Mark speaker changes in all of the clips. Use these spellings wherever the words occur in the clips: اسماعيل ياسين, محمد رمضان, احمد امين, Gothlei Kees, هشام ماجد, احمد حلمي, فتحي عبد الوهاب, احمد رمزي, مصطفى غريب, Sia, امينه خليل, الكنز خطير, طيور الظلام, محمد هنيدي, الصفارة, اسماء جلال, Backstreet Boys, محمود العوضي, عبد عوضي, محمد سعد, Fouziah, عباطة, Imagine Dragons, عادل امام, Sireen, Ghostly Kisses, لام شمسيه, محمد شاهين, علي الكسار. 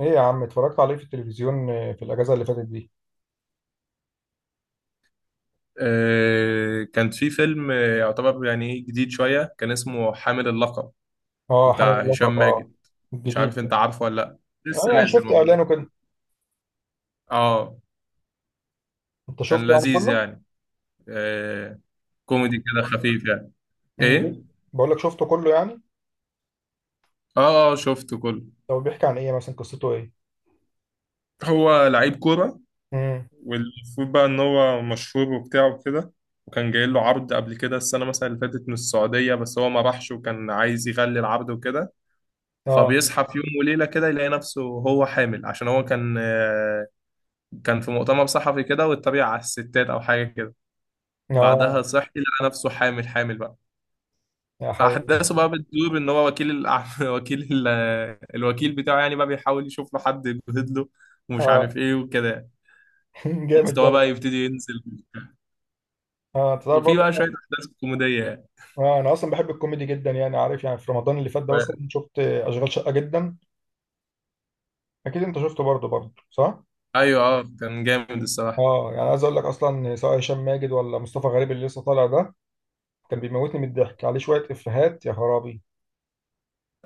Speaker 1: ايه يا عم، اتفرجت عليه في التلفزيون في الاجازه اللي فاتت دي.
Speaker 2: كان في فيلم يعتبر يعني إيه جديد شوية. كان اسمه حامل اللقب
Speaker 1: اه، حامل
Speaker 2: بتاع
Speaker 1: اللقب
Speaker 2: هشام
Speaker 1: اه،
Speaker 2: ماجد. مش عارف،
Speaker 1: الجديد ده.
Speaker 2: انت عارفه ولا لأ؟
Speaker 1: اه
Speaker 2: لسه
Speaker 1: يعني
Speaker 2: نازل
Speaker 1: شفت اعلانه
Speaker 2: والله.
Speaker 1: كده.
Speaker 2: اه،
Speaker 1: انت
Speaker 2: كان
Speaker 1: شفته يعني
Speaker 2: لذيذ
Speaker 1: كله.
Speaker 2: يعني. آه، كوميدي كده خفيف يعني، ايه.
Speaker 1: امم بقول لك شفته كله يعني.
Speaker 2: اه، اه، شفته كله.
Speaker 1: طب بيحكي عن ايه مثلا؟ قصته ايه؟
Speaker 2: هو لعيب كورة،
Speaker 1: امم
Speaker 2: والمفروض بقى ان هو مشهور وبتاع وكده. وكان جاي له عرض قبل كده، السنة مثلا اللي فاتت، من السعودية، بس هو ما راحش وكان عايز يغلي العرض وكده.
Speaker 1: اه
Speaker 2: فبيصحى في يوم وليلة كده يلاقي نفسه هو حامل، عشان هو كان كان في مؤتمر صحفي كده، واتبع على الستات أو حاجة كده. بعدها
Speaker 1: اه.
Speaker 2: صحي لقى نفسه حامل، حامل بقى.
Speaker 1: يا حول الله.
Speaker 2: فأحداثه بقى بتدور، إن هو الوكيل بتاعه يعني بقى بيحاول يشوف له حد يبهد له، ومش
Speaker 1: اه.
Speaker 2: عارف إيه وكده.
Speaker 1: جامد
Speaker 2: مستواه
Speaker 1: بقى
Speaker 2: بقى
Speaker 1: والله.
Speaker 2: يبتدي ينزل،
Speaker 1: اه انت تعرف
Speaker 2: وفي بقى
Speaker 1: برضه.
Speaker 2: شوية أحداث كوميدية يعني.
Speaker 1: آه انا اصلا بحب الكوميدي جدا يعني، عارف يعني في رمضان اللي فات ده مثلا
Speaker 2: ف-
Speaker 1: شفت اشغال شقه جدا. اكيد انت شفته برضه برضه، صح؟
Speaker 2: أيوه، أه، كان جامد الصراحة.
Speaker 1: اه يعني عايز اقول لك، اصلا سواء هشام ماجد ولا مصطفى غريب اللي لسه طالع ده كان بيموتني من الضحك، عليه شويه افيهات يا خرابي.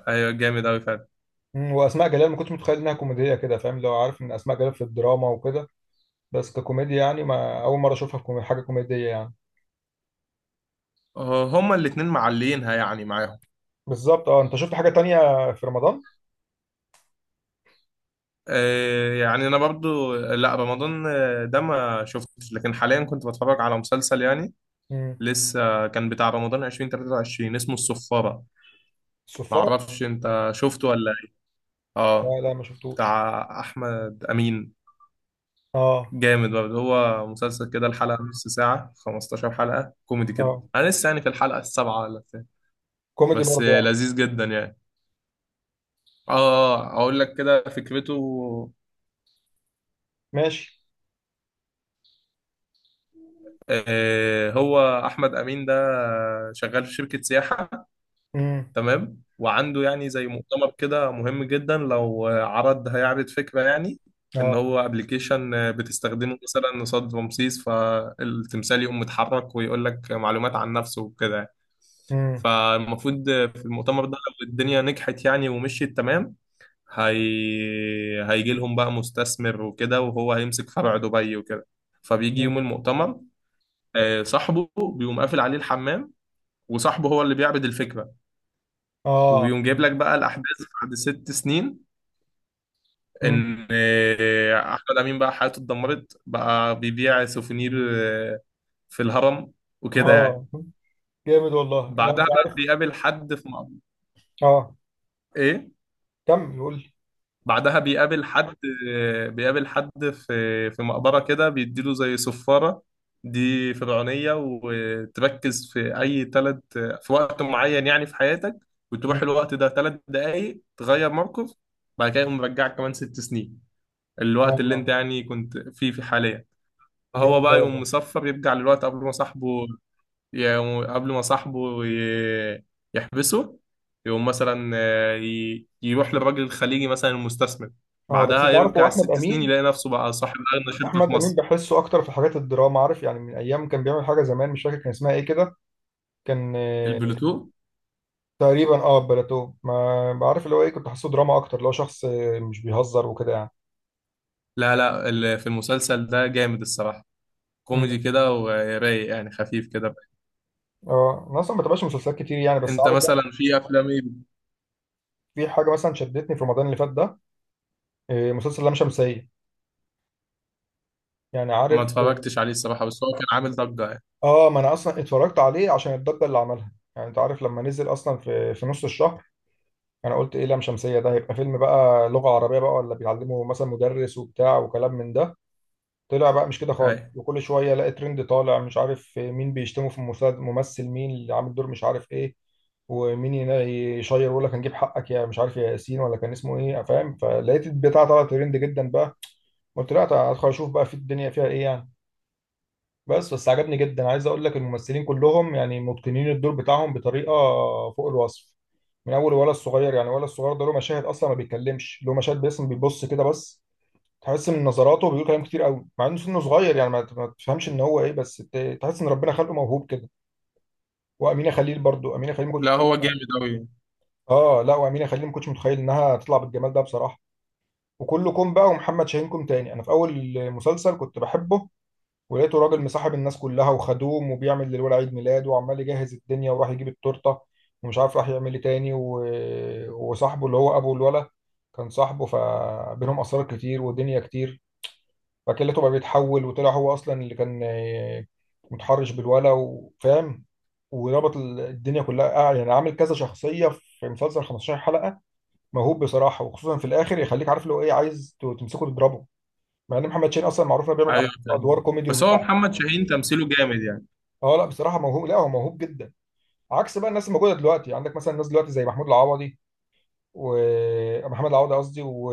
Speaker 2: أيوه، جامد أوي فعلا.
Speaker 1: واسماء جلال ما كنتش متخيل انها كوميديه كده، فاهم؟ لو عارف ان اسماء جلال في الدراما وكده، بس ككوميديا يعني ما اول مره اشوفها في حاجه كوميديه يعني.
Speaker 2: هما الاتنين معلينها يعني معاهم.
Speaker 1: بالظبط. اه انت شفت حاجه تانية في رمضان؟
Speaker 2: يعني انا برضو، لا، رمضان ده ما شفتش، لكن حاليا كنت بتفرج على مسلسل يعني.
Speaker 1: امم.
Speaker 2: لسه كان بتاع رمضان 2023 اسمه الصفارة. ما
Speaker 1: الصفاره؟
Speaker 2: اعرفش انت شفته ولا إيه؟ اه،
Speaker 1: لا لا، ما شفتوش.
Speaker 2: بتاع احمد امين.
Speaker 1: اه
Speaker 2: جامد برضه، هو مسلسل كده، الحلقة نص ساعة، 15 حلقة كوميدي كده.
Speaker 1: اه.
Speaker 2: انا لسه يعني في الحلقة السابعة ولا بتاع.
Speaker 1: كوميدي
Speaker 2: بس
Speaker 1: برضه يعني.
Speaker 2: لذيذ جدا يعني. اه. اقول لك كده فكرته.
Speaker 1: ماشي.
Speaker 2: هو احمد امين ده شغال في شركة سياحة.
Speaker 1: امم.
Speaker 2: تمام، وعنده يعني زي مؤتمر كده مهم جدا، لو عرض هيعرض فكرة يعني. ان
Speaker 1: اه.
Speaker 2: هو ابلكيشن بتستخدمه مثلا قصاد رمسيس، فالتمثال يقوم متحرك ويقول لك معلومات عن نفسه وكده يعني.
Speaker 1: امم.
Speaker 2: فالمفروض في المؤتمر ده، لو الدنيا نجحت يعني ومشيت تمام، هيجي لهم بقى مستثمر وكده، وهو هيمسك فرع دبي وكده. فبيجي يوم
Speaker 1: امم.
Speaker 2: المؤتمر. صاحبه بيقوم قافل عليه الحمام، وصاحبه هو اللي بيعرض الفكرة.
Speaker 1: اه.
Speaker 2: وبيقوم جايب لك بقى الاحداث بعد 6 سنين،
Speaker 1: امم.
Speaker 2: ان احمد امين بقى حياته اتدمرت، بقى بيبيع سوفونير في الهرم وكده يعني.
Speaker 1: اه جامد والله. لا
Speaker 2: بعدها
Speaker 1: انت
Speaker 2: بقى
Speaker 1: عارف.
Speaker 2: بيقابل حد في مقبرة.
Speaker 1: اه
Speaker 2: ايه.
Speaker 1: كمل قول لي.
Speaker 2: بعدها بيقابل حد، بيقابل حد في مقبرة كده بيديله زي صفارة، دي فرعونية، وتركز في أي تلت في وقت معين يعني في حياتك، وتروح
Speaker 1: مم.
Speaker 2: الوقت ده 3 دقايق تغير موقف. بعد كده يقوم مرجعك كمان 6 سنين، الوقت اللي انت
Speaker 1: اه
Speaker 2: يعني كنت فيه في حاليا. هو
Speaker 1: جامد ده
Speaker 2: بقى يقوم
Speaker 1: والله.
Speaker 2: مصفر، يرجع للوقت قبل ما صاحبه يقوم- قبل ما صاحبه ي- يحبسه. يقوم مثلا يروح للراجل الخليجي مثلا المستثمر.
Speaker 1: اه بس
Speaker 2: بعدها
Speaker 1: انت عارف هو
Speaker 2: يرجع
Speaker 1: احمد
Speaker 2: الست سنين،
Speaker 1: امين،
Speaker 2: يلاقي نفسه بقى صاحب أغنى شركة في
Speaker 1: احمد امين
Speaker 2: مصر.
Speaker 1: بحسه اكتر في حاجات الدراما، عارف يعني من ايام كان بيعمل حاجه زمان مش فاكر كان اسمها ايه كده. كان
Speaker 2: البلوتو.
Speaker 1: تقريبا اه بلاتو، ما بعرف اللي هو ايه، كنت حاسه دراما اكتر اللي هو شخص مش بيهزر وكده يعني.
Speaker 2: لا، لا، في المسلسل ده جامد الصراحة،
Speaker 1: مم.
Speaker 2: كوميدي كده ورايق يعني خفيف كده.
Speaker 1: اه انا اصلا ما بتابعش مسلسلات كتير يعني، بس
Speaker 2: انت
Speaker 1: عارف
Speaker 2: مثلا
Speaker 1: بقى.
Speaker 2: في افلام ايه؟
Speaker 1: في حاجه مثلا شدتني في رمضان اللي فات ده، مسلسل لام شمسيه، يعني
Speaker 2: ما
Speaker 1: عارف.
Speaker 2: اتفرجتش عليه الصراحة، بس هو كان عامل ضجة يعني.
Speaker 1: اه ما انا اصلا اتفرجت عليه عشان الضجه اللي عملها، يعني انت عارف لما نزل اصلا في نص الشهر. انا قلت ايه لام شمسيه ده؟ هيبقى فيلم بقى لغه عربيه بقى، ولا بيعلمه مثلا مدرس وبتاع وكلام من ده. طلع بقى مش كده خالص،
Speaker 2: أي.
Speaker 1: وكل شويه الاقي ترند طالع، مش عارف مين بيشتمه في المسلسل، ممثل مين اللي عامل دور مش عارف ايه، ومين هنا يشير يقول لك هنجيب حقك يا مش عارف يا ياسين ولا كان اسمه ايه، فاهم؟ فلقيت البتاع طلع ترند جدا بقى، قلت لا ادخل اشوف بقى في الدنيا فيها ايه يعني. بس عجبني جدا. عايز اقول لك الممثلين كلهم يعني متقنين الدور بتاعهم بطريقه فوق الوصف. من اول ولا الصغير يعني، ولا الصغير ده له مشاهد اصلا ما بيتكلمش، له مشاهد باسم بيبص كده بس، تحس من نظراته بيقول كلام كتير قوي، مع انه سنه صغير يعني ما تفهمش ان هو ايه، بس تحس ان ربنا خلقه موهوب كده. وامينه خليل برضو، امينه خليل ما كنتش
Speaker 2: لا،
Speaker 1: متخيل.
Speaker 2: هو جامد أوي.
Speaker 1: اه لا، وامينه خليل ما كنتش متخيل انها تطلع بالجمال ده بصراحه. وكلكم بقى، ومحمد شاهين كوم تاني، انا في اول مسلسل كنت بحبه، ولقيته راجل مصاحب الناس كلها وخدوم، وبيعمل للولد عيد ميلاد، وعمال يجهز الدنيا وراح يجيب التورته ومش عارف راح يعمل ايه تاني و... وصاحبه اللي هو ابو الولد كان صاحبه، فبينهم اسرار كتير ودنيا كتير، فاكلته بقى بيتحول، وطلع هو اصلا اللي كان متحرش بالولا، وفاهم وربط الدنيا كلها، يعني عامل كذا شخصيه في مسلسل 15 حلقه. موهوب بصراحه، وخصوصا في الاخر يخليك عارف لو ايه عايز تمسكه تضربه، مع ان محمد شين اصلا معروف انه بيعمل
Speaker 2: ايوه،
Speaker 1: ادوار
Speaker 2: تمام.
Speaker 1: كوميدي
Speaker 2: بس هو
Speaker 1: وبتاع.
Speaker 2: محمد شاهين تمثيله جامد يعني.
Speaker 1: اه لا بصراحه موهوب، لا هو موهوب جدا، عكس بقى الناس الموجوده دلوقتي. عندك مثلا ناس دلوقتي زي محمود العوضي، ومحمد العوضي قصدي، و...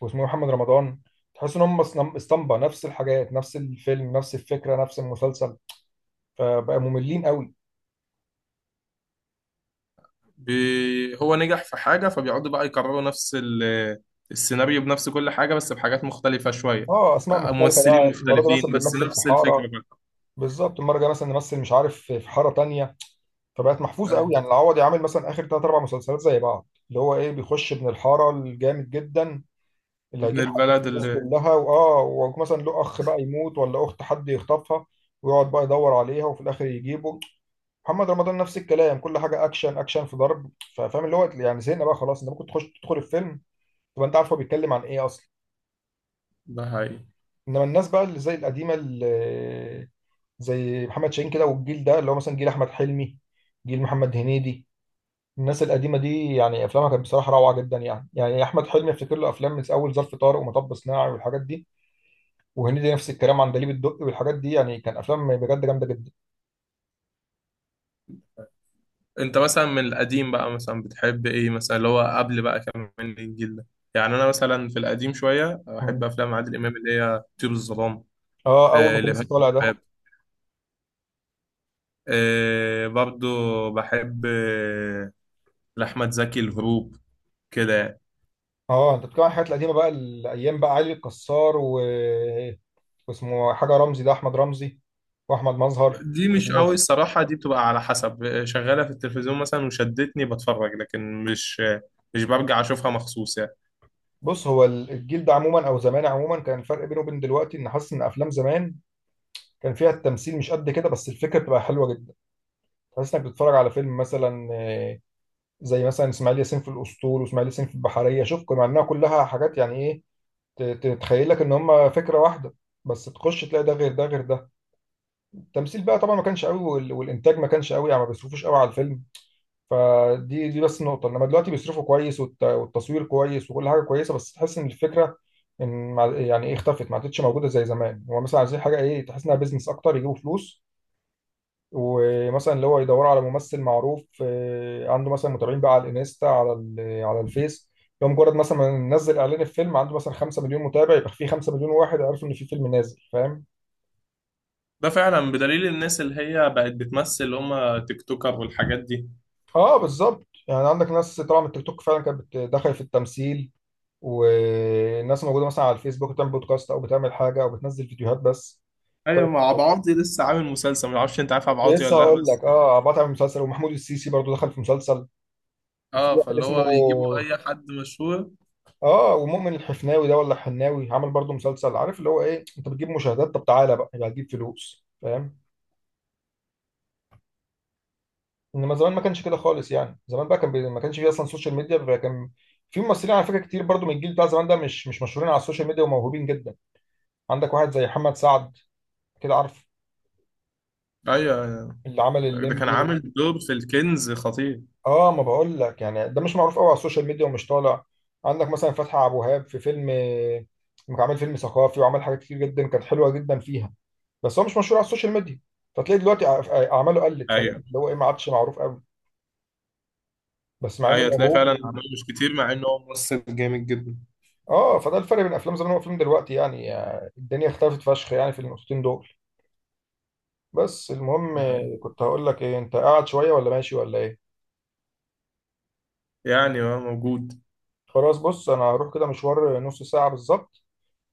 Speaker 1: واسمه إيه، محمد رمضان. تحس ان هم اسطمبة، نفس الحاجات، نفس الفيلم، نفس الفكرة، نفس المسلسل، فبقى مملين قوي.
Speaker 2: هو نجح في حاجة، فبيقعدوا بقى يكرروا نفس السيناريو بنفس كل حاجة، بس بحاجات مختلفة شوية.
Speaker 1: اه، اسماء مختلفة
Speaker 2: ممثلين
Speaker 1: بقى، المرة دي مثلا
Speaker 2: مختلفين، بس
Speaker 1: بنمثل في
Speaker 2: نفس الفكرة
Speaker 1: حارة،
Speaker 2: بقى.
Speaker 1: بالظبط. المرة الجاية مثلا نمثل مش عارف في حارة تانية، فبقت محفوظة قوي
Speaker 2: أيوة.
Speaker 1: يعني. العوضي عامل مثلا اخر ثلاث اربع مسلسلات زي بعض، اللي هو ايه، بيخش ابن الحارة الجامد جدا اللي
Speaker 2: ابن
Speaker 1: هيجيب حق
Speaker 2: البلد
Speaker 1: الناس
Speaker 2: اللي.
Speaker 1: كلها، واه ومثلا له اخ بقى يموت ولا اخت حد يخطفها، ويقعد بقى يدور عليها وفي الاخر يجيبه. محمد رمضان نفس الكلام، كل حاجه اكشن اكشن، في ضرب، فاهم اللي هو يعني زهقنا بقى خلاص. انت ممكن تخش تدخل الفيلم تبقى انت عارف هو بيتكلم عن ايه اصلا.
Speaker 2: ده حقيقي.
Speaker 1: انما الناس بقى اللي زي القديمه اللي زي محمد شاهين كده، والجيل ده اللي هو مثلا جيل احمد حلمي، جيل محمد هنيدي، الناس القديمه دي يعني افلامها كانت بصراحه روعه جدا يعني. يعني احمد حلمي افتكر له افلام من اول ظرف طارق، ومطب صناعي، والحاجات دي. وهنيدي نفس الكلام، عندليب الدقي والحاجات دي يعني، كان افلام بجد جامده جدا.
Speaker 2: انت مثلا من القديم بقى مثلا بتحب ايه، مثلا اللي هو قبل بقى كمان الجيل ده؟ يعني انا مثلا في القديم شوية، احب
Speaker 1: مم.
Speaker 2: افلام عادل امام اللي هي طيور الظلام.
Speaker 1: اه اول ما
Speaker 2: آه،
Speaker 1: كان
Speaker 2: لبهاء
Speaker 1: لسه طالع ده.
Speaker 2: الشباب. آه، برضو بحب آه. لأحمد زكي الهروب كده.
Speaker 1: اه انت بتتكلم عن الحاجات القديمه بقى، الايام بقى علي الكسار و... واسمه حاجه رمزي ده، احمد رمزي، واحمد مظهر
Speaker 2: دي مش قوي
Speaker 1: والناس.
Speaker 2: الصراحة، دي بتبقى على حسب شغالة في التلفزيون مثلا وشدتني بتفرج، لكن مش برجع أشوفها مخصوص يعني.
Speaker 1: بص، هو الجيل ده عموما، او زمان عموما، كان الفرق بينه وبين دلوقتي ان حاسس ان افلام زمان كان فيها التمثيل مش قد كده، بس الفكره بتبقى حلوه جدا، تحس انك بتتفرج على فيلم مثلا. زي مثلا اسماعيل ياسين في الاسطول، واسماعيل ياسين في البحريه، شوف مع انها كلها حاجات يعني ايه تتخيل لك ان هم فكره واحده، بس تخش تلاقي ده غير ده غير ده. التمثيل بقى طبعا ما كانش قوي والانتاج ما كانش قوي يعني، ما بيصرفوش قوي على الفيلم، فدي دي بس النقطه. انما دلوقتي بيصرفوا كويس، والتصوير كويس، وكل حاجه كويسه، بس تحس ان الفكره ان يعني ايه اختفت، ما عادتش موجوده زي زمان. هو مثلا عايزين حاجه ايه، تحس انها بيزنس اكتر، يجيبوا فلوس، ومثلا اللي هو يدوروا على ممثل معروف عنده مثلا متابعين بقى على الانستا، على الفيس، لو مجرد مثلا ما نزل اعلان الفيلم عنده مثلا 5 مليون متابع، يبقى في 5 مليون واحد عرفوا ان في فيلم نازل، فاهم.
Speaker 2: ده فعلا، بدليل الناس اللي هي بقت بتمثل اللي هم تيك توكر والحاجات دي.
Speaker 1: اه بالظبط، يعني عندك ناس طبعا من التيك توك فعلا كانت دخلت في التمثيل، والناس موجوده مثلا على الفيسبوك بتعمل بودكاست، او بتعمل حاجه، او بتنزل فيديوهات بس.
Speaker 2: أيوة،
Speaker 1: طب
Speaker 2: مع عبد عوضي لسه عامل مسلسل، معرفش أنت عارف عبد
Speaker 1: كنت
Speaker 2: عوضي
Speaker 1: لسه
Speaker 2: ولا لأ،
Speaker 1: هقول
Speaker 2: بس.
Speaker 1: لك، اه عباطة عمل مسلسل، ومحمود السيسي برضو دخل في مسلسل، وفي
Speaker 2: اه،
Speaker 1: واحد
Speaker 2: فاللي
Speaker 1: اسمه
Speaker 2: هو بيجيبوا أي حد مشهور.
Speaker 1: اه ومؤمن الحفناوي ده ولا الحناوي عمل برضو مسلسل، عارف اللي هو ايه، انت بتجيب مشاهدات، طب تعالى بقى يبقى هتجيب فلوس، فاهم. انما زمان ما كانش كده خالص يعني، زمان بقى كان بي... ما كانش فيه اصلا سوشيال ميديا، فكان في ممثلين على فكره كتير برضو من الجيل بتاع زمان ده مش مشهورين على السوشيال ميديا وموهوبين جدا. عندك واحد زي محمد سعد كده، عارف
Speaker 2: أيوة،
Speaker 1: اللي عمل
Speaker 2: ده كان
Speaker 1: الليمبي و...
Speaker 2: عامل دور في الكنز خطير.
Speaker 1: اه ما بقول لك يعني، ده مش معروف قوي على السوشيال ميديا ومش طالع. عندك مثلا فتحي عبد الوهاب في فيلم، كان عامل فيلم ثقافي، وعمل حاجات كتير جدا كانت حلوه جدا فيها، بس هو مش مشهور على السوشيال ميديا، فتلاقي دلوقتي اعماله قلت، فاهم
Speaker 2: أيوة،
Speaker 1: اللي هو ايه، ما عادش معروف قوي، بس مع انه
Speaker 2: أيوة، تلاقي
Speaker 1: موهوب و...
Speaker 2: فعلا عمل مش كتير، مع إنه هو ممثل جامد جدا.
Speaker 1: اه فده الفرق بين افلام زمان وافلام دلوقتي يعني. الدنيا اختلفت فشخ يعني في النقطتين دول. بس المهم
Speaker 2: ده حقيقي،
Speaker 1: كنت هقول لك ايه، انت قاعد شويه ولا ماشي ولا ايه؟
Speaker 2: يعني هو موجود.
Speaker 1: خلاص بص، انا هروح كده مشوار نص ساعة بالظبط،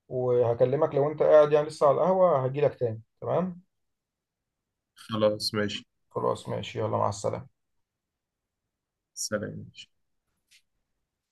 Speaker 1: وهكلمك لو انت قاعد يعني لسه على القهوة هجيلك تاني، تمام؟
Speaker 2: خلاص، ماشي.
Speaker 1: خلاص ماشي يلا، مع السلامة.
Speaker 2: سلام.